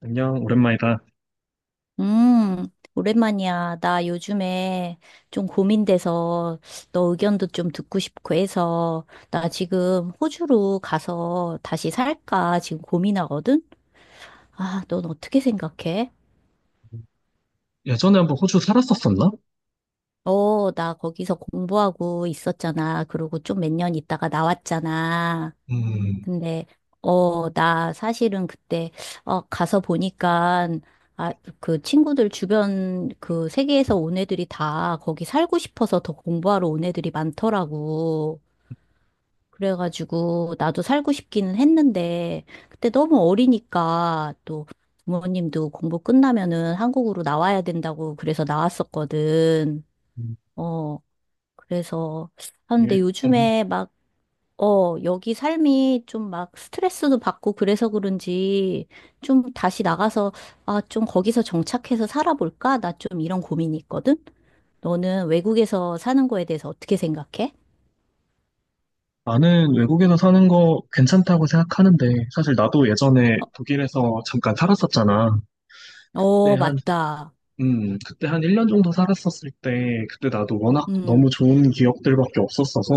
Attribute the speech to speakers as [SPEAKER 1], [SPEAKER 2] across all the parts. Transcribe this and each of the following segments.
[SPEAKER 1] 안녕, 오랜만이다.
[SPEAKER 2] 음, 오랜만이야. 나 요즘에 좀 고민돼서 너 의견도 좀 듣고 싶고 해서 나 지금 호주로 가서 다시 살까 지금 고민하거든? 아, 넌 어떻게 생각해?
[SPEAKER 1] 예전에 한번 호주 살았었었나?
[SPEAKER 2] 어, 나 거기서 공부하고 있었잖아. 그러고 좀 몇 년 있다가 나왔잖아.
[SPEAKER 1] 음.
[SPEAKER 2] 근데 나 사실은 그때 가서 보니까 아, 그 친구들 주변 그 세계에서 온 애들이 다 거기 살고 싶어서 더 공부하러 온 애들이 많더라고. 그래가지고 나도 살고 싶기는 했는데 그때 너무 어리니까 또 부모님도 공부 끝나면은 한국으로 나와야 된다고 그래서 나왔었거든. 어, 그래서
[SPEAKER 1] 예.
[SPEAKER 2] 하는데
[SPEAKER 1] 음.
[SPEAKER 2] 요즘에 막 여기 삶이 좀 막 스트레스도 받고 그래서 그런지 좀 다시 나가서 아, 좀 거기서 정착해서 살아볼까? 나 좀 이런 고민이 있거든? 너는 외국에서 사는 거에 대해서 어떻게 생각해?
[SPEAKER 1] 나는 외국에서 사는 거 괜찮다고 생각하는데, 사실 나도 예전에
[SPEAKER 2] 어,
[SPEAKER 1] 독일에서 잠깐 살았었잖아. 그때
[SPEAKER 2] 어,
[SPEAKER 1] 한,
[SPEAKER 2] 맞다.
[SPEAKER 1] 그때 한 1년 정도 살았었을 때, 그때 나도 워낙
[SPEAKER 2] 음,
[SPEAKER 1] 너무 좋은 기억들밖에 없었어서,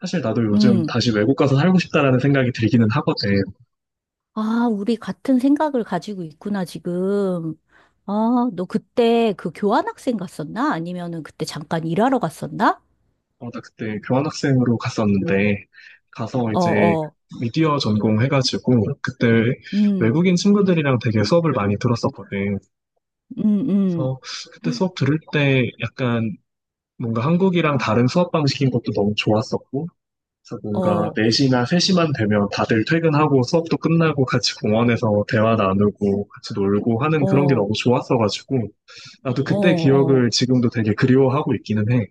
[SPEAKER 1] 사실 나도 요즘
[SPEAKER 2] 음.
[SPEAKER 1] 다시 외국 가서 살고 싶다라는 생각이 들기는 하거든.
[SPEAKER 2] 아, 우리 같은 생각을 가지고 있구나, 지금. 아, 너 그때 그 교환학생 갔었나? 아니면은 그때 잠깐 일하러 갔었나?
[SPEAKER 1] 어, 나 그때 교환학생으로 갔었는데, 가서
[SPEAKER 2] 어,
[SPEAKER 1] 이제
[SPEAKER 2] 어.
[SPEAKER 1] 미디어 전공 해가지고, 그때
[SPEAKER 2] 음,
[SPEAKER 1] 외국인 친구들이랑 되게 수업을 많이 들었었거든.
[SPEAKER 2] 음, 음.
[SPEAKER 1] 그래서 그때 수업 들을 때 약간 뭔가 한국이랑 다른 수업 방식인 것도 너무 좋았었고, 그래서 뭔가
[SPEAKER 2] 어,
[SPEAKER 1] 4시나 3시만 되면 다들 퇴근하고 수업도 끝나고 같이 공원에서 대화 나누고 같이 놀고 하는 그런 게
[SPEAKER 2] 어.
[SPEAKER 1] 너무 좋았어가지고, 나도
[SPEAKER 2] 어,
[SPEAKER 1] 그때
[SPEAKER 2] 어,
[SPEAKER 1] 기억을 지금도 되게 그리워하고 있기는 해.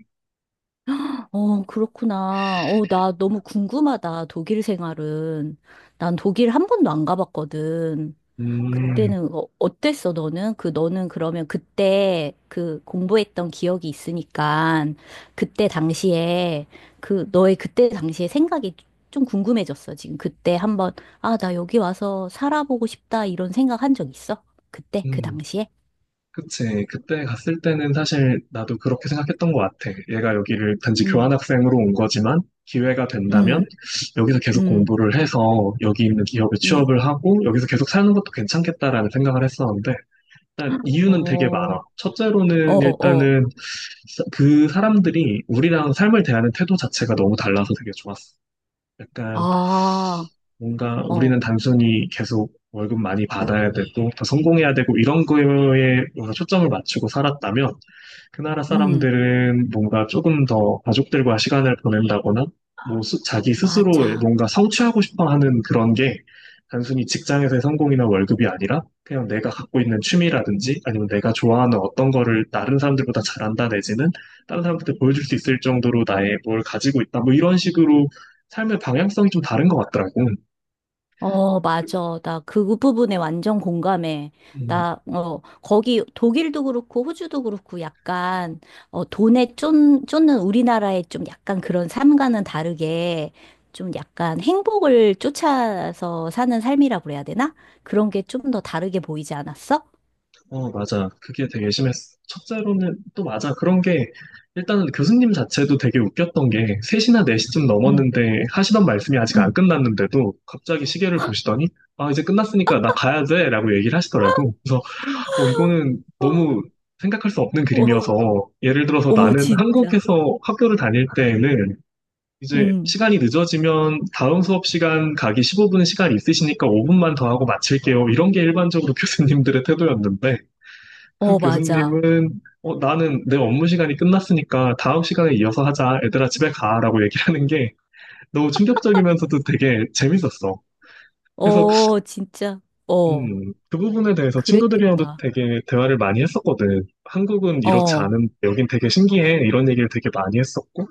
[SPEAKER 2] 어, 그렇구나. 어, 나 너무 궁금하다. 독일 생활은. 난 독일 한 번도 안 가봤거든.
[SPEAKER 1] 음.
[SPEAKER 2] 그때는 어, 어땠어, 너는? 그, 너는 그러면 그때 그 공부했던 기억이 있으니까 그때 당시에 그 너의 그때 당시에 생각이 좀 궁금해졌어. 지금 그때 한번 아, 나 여기 와서 살아보고 싶다 이런 생각 한 적 있어? 그때 그
[SPEAKER 1] 음.
[SPEAKER 2] 당시에?
[SPEAKER 1] 그치. 그때 갔을 때는 사실 나도 그렇게 생각했던 것 같아. 얘가 여기를 단지
[SPEAKER 2] 응,
[SPEAKER 1] 교환학생으로 온 거지만 기회가 된다면
[SPEAKER 2] 응,
[SPEAKER 1] 여기서 계속
[SPEAKER 2] 응,
[SPEAKER 1] 공부를 해서 여기 있는 기업에
[SPEAKER 2] 응.
[SPEAKER 1] 취업을 하고 여기서 계속 사는 것도 괜찮겠다라는 생각을 했었는데 일단
[SPEAKER 2] 어,
[SPEAKER 1] 이유는 되게 많아.
[SPEAKER 2] 어,
[SPEAKER 1] 첫째로는
[SPEAKER 2] 어.
[SPEAKER 1] 일단은 그 사람들이 우리랑 삶을 대하는 태도 자체가 너무 달라서 되게 좋았어. 약간
[SPEAKER 2] 아,
[SPEAKER 1] 뭔가
[SPEAKER 2] 어,
[SPEAKER 1] 우리는 단순히 계속 월급 많이 받아야 되고 더 성공해야 되고 이런 거에 뭔가 초점을 맞추고 살았다면 그 나라
[SPEAKER 2] 음,
[SPEAKER 1] 사람들은 뭔가 조금 더 가족들과 시간을 보낸다거나, 뭐, 자기 스스로
[SPEAKER 2] 맞아.
[SPEAKER 1] 뭔가 성취하고 싶어 하는 그런 게 단순히 직장에서의 성공이나 월급이 아니라 그냥 내가 갖고 있는 취미라든지 아니면 내가 좋아하는 어떤 거를 다른 사람들보다 잘한다 내지는 다른 사람한테 보여줄 수 있을 정도로 나의 뭘 가지고 있다. 뭐 이런 식으로 삶의 방향성이 좀 다른 것 같더라고.
[SPEAKER 2] 어, 맞아. 나 그 부분에 완전 공감해.
[SPEAKER 1] 음.
[SPEAKER 2] 나, 거기 독일도 그렇고 호주도 그렇고 약간, 어, 돈에 쫓, 쫓는 우리나라의 좀 약간 그런 삶과는 다르게 좀 약간 행복을 쫓아서 사는 삶이라고 그래야 되나? 그런 게 좀 더 다르게 보이지 않았어?
[SPEAKER 1] 어, 맞아. 그게 되게 심했어. 첫째로는 또 맞아. 그런 게 일단은 교수님 자체도 되게 웃겼던 게 3시나 4시쯤
[SPEAKER 2] 응,
[SPEAKER 1] 넘었는데 하시던 말씀이 아직 안
[SPEAKER 2] 응.
[SPEAKER 1] 끝났는데도 갑자기 시계를 보시더니 아, 이제 끝났으니까 나 가야 돼 라고 얘기를 하시더라고. 그래서 이거는
[SPEAKER 2] 어,
[SPEAKER 1] 너무 생각할 수 없는
[SPEAKER 2] 오,
[SPEAKER 1] 그림이어서 예를 들어서
[SPEAKER 2] 오,
[SPEAKER 1] 나는
[SPEAKER 2] 진짜.
[SPEAKER 1] 한국에서 학교를 다닐 때에는 이제
[SPEAKER 2] 응.
[SPEAKER 1] 시간이 늦어지면 다음 수업 시간 가기 15분 시간 있으시니까 5분만 더 하고 마칠게요. 이런 게 일반적으로 교수님들의 태도였는데 그
[SPEAKER 2] 어, 맞아.
[SPEAKER 1] 교수님은 어, 나는 내 업무 시간이 끝났으니까 다음 시간에 이어서 하자. 얘들아 집에 가라고 얘기하는 게 너무 충격적이면서도 되게 재밌었어. 그래서
[SPEAKER 2] 어, 진짜. 어.
[SPEAKER 1] 그 부분에 대해서 친구들이랑도
[SPEAKER 2] 그랬겠다.
[SPEAKER 1] 되게 대화를 많이 했었거든. 한국은 이렇지
[SPEAKER 2] 어,
[SPEAKER 1] 않은 여긴 되게 신기해. 이런 얘기를 되게 많이 했었고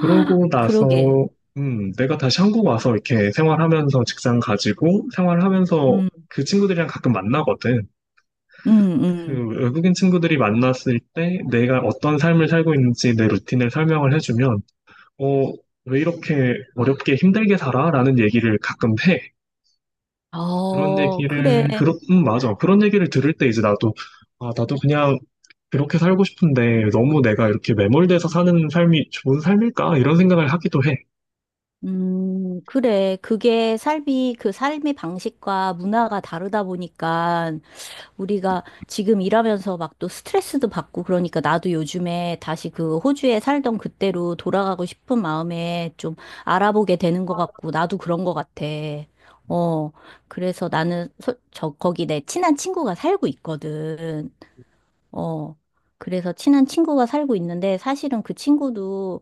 [SPEAKER 1] 그러고 나서
[SPEAKER 2] 그러게.
[SPEAKER 1] 내가 다시 한국 와서 이렇게 생활하면서 직장 가지고 생활하면서
[SPEAKER 2] 음,
[SPEAKER 1] 그 친구들이랑 가끔 만나거든.
[SPEAKER 2] 음, 음.
[SPEAKER 1] 그 외국인 친구들이 만났을 때 내가 어떤 삶을 살고 있는지 내 루틴을 설명을 해주면, 어, 왜 이렇게 어렵게 힘들게 살아? 라는 얘기를 가끔 해. 그런
[SPEAKER 2] 어, 그래.
[SPEAKER 1] 얘기를, 맞아. 그런 얘기를 들을 때 이제 나도, 아, 나도 그냥 그렇게 살고 싶은데 너무 내가 이렇게 매몰돼서 사는 삶이 좋은 삶일까? 이런 생각을 하기도 해.
[SPEAKER 2] 그래. 그 삶의 방식과 문화가 다르다 보니까 우리가 지금 일하면서 막 또 스트레스도 받고 그러니까 나도 요즘에 다시 그 호주에 살던 그때로 돌아가고 싶은 마음에 좀 알아보게 되는 것 같고 나도 그런 것 같아. 어, 그래서 저, 거기 내 친한 친구가 살고 있거든. 어, 그래서 친한 친구가 살고 있는데 사실은 그 친구도,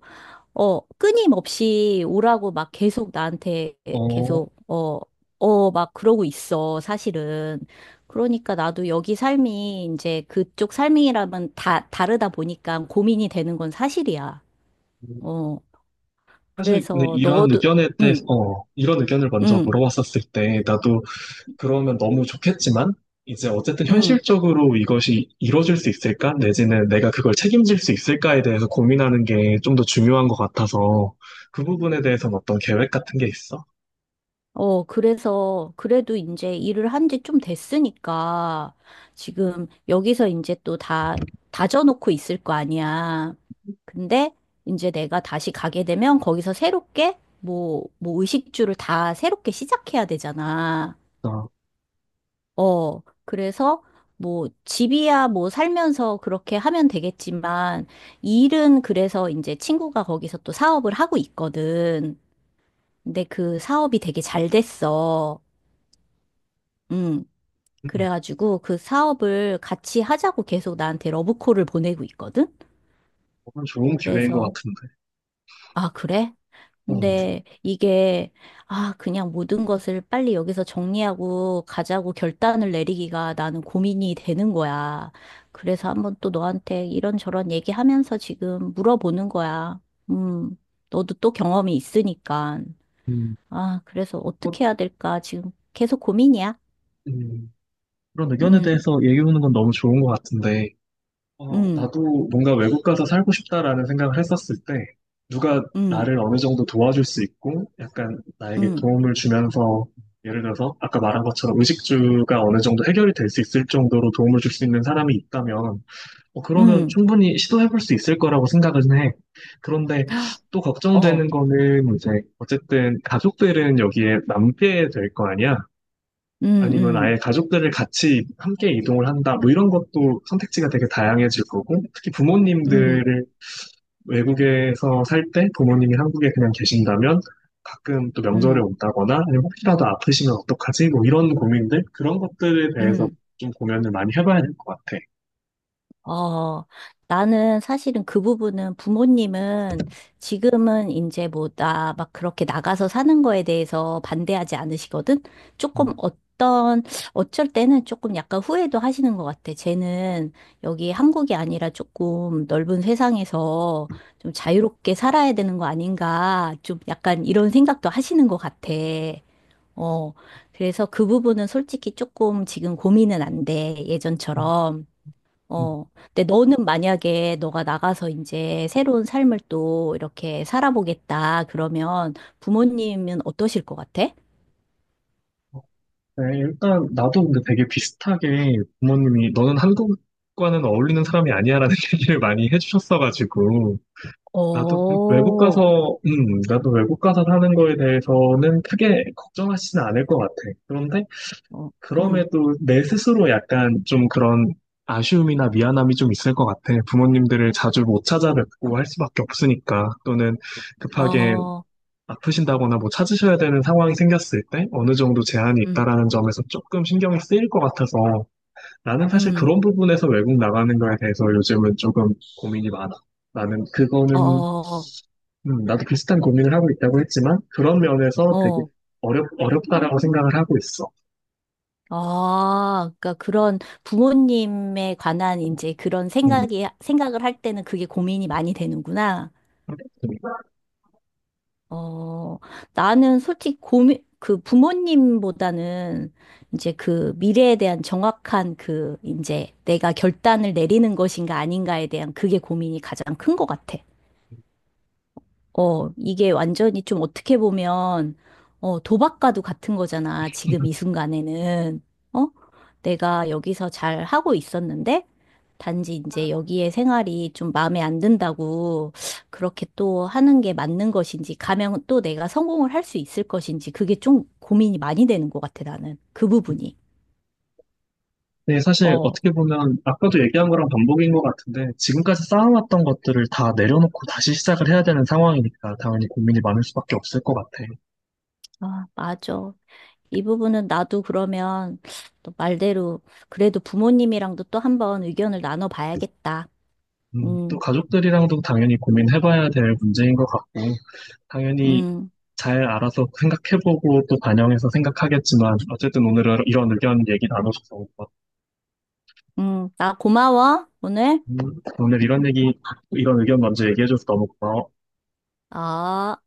[SPEAKER 2] 어, 끊임없이 오라고 막 계속 나한테
[SPEAKER 1] 어,
[SPEAKER 2] 계속, 어, 막 그러고 있어, 사실은. 그러니까 나도 여기 삶이 이제 그쪽 삶이라면 다 다르다 보니까 고민이 되는 건 사실이야. 어,
[SPEAKER 1] 사실 근데
[SPEAKER 2] 그래서
[SPEAKER 1] 이런
[SPEAKER 2] 너도,
[SPEAKER 1] 의견에 대해서,
[SPEAKER 2] 응,
[SPEAKER 1] 이런 의견을 먼저
[SPEAKER 2] 응,
[SPEAKER 1] 물어봤었을 때 나도 그러면 너무 좋겠지만, 이제 어쨌든
[SPEAKER 2] 응.
[SPEAKER 1] 현실적으로 이것이 이뤄질 수 있을까? 내지는 내가 그걸 책임질 수 있을까에 대해서 고민하는 게 좀 더 중요한 것 같아서, 그 부분에 대해서는 어떤 계획 같은 게 있어?
[SPEAKER 2] 그래서, 그래도 이제 일을 한지 좀 됐으니까, 지금 여기서 이제 다져놓고 있을 거 아니야. 근데 이제 내가 다시 가게 되면 거기서 새롭게, 뭐, 뭐 의식주를 다 새롭게 시작해야 되잖아.
[SPEAKER 1] 아,
[SPEAKER 2] 그래서 뭐 집이야 뭐 살면서 그렇게 하면 되겠지만, 일은 그래서 이제 친구가 거기서 또 사업을 하고 있거든. 근데 그 사업이 되게 잘 됐어. 음.
[SPEAKER 1] 음,
[SPEAKER 2] 그래가지고 그 사업을 같이 하자고 계속 나한테 러브콜을 보내고 있거든?
[SPEAKER 1] 그건 좋은 기회인 것
[SPEAKER 2] 그래서,
[SPEAKER 1] 같은데.
[SPEAKER 2] 아, 그래?
[SPEAKER 1] 어,
[SPEAKER 2] 근데 이게, 아, 그냥 모든 것을 빨리 여기서 정리하고 가자고 결단을 내리기가 나는 고민이 되는 거야. 그래서 한번 또 너한테 이런저런 얘기하면서 지금 물어보는 거야. 음, 너도 또 경험이 있으니까.
[SPEAKER 1] 음,
[SPEAKER 2] 아, 그래서
[SPEAKER 1] 뭐,
[SPEAKER 2] 어떻게 해야 될까? 지금 계속 고민이야.
[SPEAKER 1] 음, 그런 의견에
[SPEAKER 2] 음,
[SPEAKER 1] 대해서 얘기해보는 건 너무 좋은 것 같은데,
[SPEAKER 2] 음,
[SPEAKER 1] 나도 뭔가 외국 가서 살고 싶다라는 생각을 했었을 때, 누가
[SPEAKER 2] 음,
[SPEAKER 1] 나를 어느 정도 도와줄 수 있고, 약간 나에게
[SPEAKER 2] 음,
[SPEAKER 1] 도움을 주면서, 예를 들어서, 아까 말한 것처럼 의식주가 어느 정도 해결이 될 수 있을 정도로 도움을 줄 수 있는 사람이 있다면, 그러면
[SPEAKER 2] 음.
[SPEAKER 1] 충분히 시도해볼 수 있을 거라고 생각은 해. 그런데 또
[SPEAKER 2] 어,
[SPEAKER 1] 걱정되는 거는 이제, 어쨌든 가족들은 여기에 남게 될 거 아니야?
[SPEAKER 2] 음,
[SPEAKER 1] 아니면 아예
[SPEAKER 2] 음,
[SPEAKER 1] 가족들을 같이 함께 이동을 한다. 뭐 이런 것도 선택지가 되게 다양해질 거고, 특히
[SPEAKER 2] 음,
[SPEAKER 1] 부모님들을 외국에서 살 때 부모님이 한국에 그냥 계신다면 가끔 또 명절에
[SPEAKER 2] 음,
[SPEAKER 1] 온다거나 아니면 혹시라도 아프시면 어떡하지? 뭐 이런 고민들, 그런 것들에 대해서
[SPEAKER 2] 음.
[SPEAKER 1] 좀 고민을 많이 해봐야 될 것 같아.
[SPEAKER 2] 어, 나는 사실은 그 부분은 부모님은 지금은 이제 뭐 나 막 그렇게 나가서 사는 거에 대해서 반대하지 않으시거든? 조금
[SPEAKER 1] 음.
[SPEAKER 2] 어떤, 어쩔 때는 조금 약간 후회도 하시는 것 같아. 쟤는 여기 한국이 아니라 조금 넓은 세상에서 좀 자유롭게 살아야 되는 거 아닌가. 좀 약간 이런 생각도 하시는 것 같아. 어, 그래서 그 부분은 솔직히 조금 지금 고민은 안 돼,
[SPEAKER 1] 음.
[SPEAKER 2] 예전처럼.
[SPEAKER 1] 음.
[SPEAKER 2] 어, 근데 너는 만약에 너가 나가서 이제 새로운 삶을 또 이렇게 살아보겠다, 그러면 부모님은 어떠실 것 같아?
[SPEAKER 1] 네, 일단 나도 근데 되게 비슷하게 부모님이 너는 한국과는 어울리는 사람이 아니야라는 얘기를 많이 해주셨어가지고
[SPEAKER 2] 어,
[SPEAKER 1] 나도
[SPEAKER 2] 어,
[SPEAKER 1] 나도 외국 가서 사는 거에 대해서는 크게 걱정하지는 않을 것 같아. 그런데
[SPEAKER 2] 음,
[SPEAKER 1] 그럼에도 내 스스로 약간 좀 그런 아쉬움이나 미안함이 좀 있을 것 같아. 부모님들을 자주 못 찾아뵙고 할 수밖에 없으니까. 또는 급하게
[SPEAKER 2] 어,
[SPEAKER 1] 아프신다거나 뭐 찾으셔야 되는 상황이 생겼을 때 어느 정도 제한이
[SPEAKER 2] 음,
[SPEAKER 1] 있다라는 점에서 조금 신경이 쓰일 것 같아서 나는 사실
[SPEAKER 2] 음,
[SPEAKER 1] 그런 부분에서 외국 나가는 거에 대해서 요즘은 조금 고민이 많아. 나는
[SPEAKER 2] 어,
[SPEAKER 1] 그거는,
[SPEAKER 2] 어,
[SPEAKER 1] 나도 비슷한 고민을 하고 있다고 했지만, 그런 면에서 되게
[SPEAKER 2] 어.
[SPEAKER 1] 어렵다라고 생각을 하고 있어.
[SPEAKER 2] 아, 그러니까 그런 부모님에 관한 이제
[SPEAKER 1] 음.
[SPEAKER 2] 생각을 할 때는 그게 고민이 많이 되는구나. 어, 나는 솔직히 그 부모님보다는 이제 그 미래에 대한 정확한 그 이제 내가 결단을 내리는 것인가 아닌가에 대한 그게 고민이 가장 큰 것 같아. 어, 이게 완전히 좀 어떻게 보면, 어, 도박과도 같은 거잖아. 지금 이 순간에는. 어? 내가 여기서 잘 하고 있었는데, 단지 이제 여기에 생활이 좀 마음에 안 든다고 그렇게 또 하는 게 맞는 것인지, 가면 또 내가 성공을 할 수 있을 것인지, 그게 좀 고민이 많이 되는 것 같아, 나는. 그 부분이.
[SPEAKER 1] 네, 사실
[SPEAKER 2] 어,
[SPEAKER 1] 어떻게 보면 아까도 얘기한 거랑 반복인 것 같은데 지금까지 쌓아왔던 것들을 다 내려놓고 다시 시작을 해야 되는 상황이니까 당연히 고민이 많을 수밖에 없을 것 같아.
[SPEAKER 2] 아, 맞아. 이 부분은 나도 그러면 또 말대로 그래도 부모님이랑도 또 한번 의견을 나눠봐야겠다.
[SPEAKER 1] 또
[SPEAKER 2] 음,
[SPEAKER 1] 가족들이랑도 당연히 고민해봐야 될 문제인 것 같고 당연히
[SPEAKER 2] 음,
[SPEAKER 1] 잘 알아서 생각해보고 또 반영해서 생각하겠지만 어쨌든 오늘 이런 의견 얘기 나눠줘서 고마워.
[SPEAKER 2] 나 고마워, 오늘.
[SPEAKER 1] 음, 오늘 이런 의견 먼저 얘기해줘서 너무 고마워.
[SPEAKER 2] 아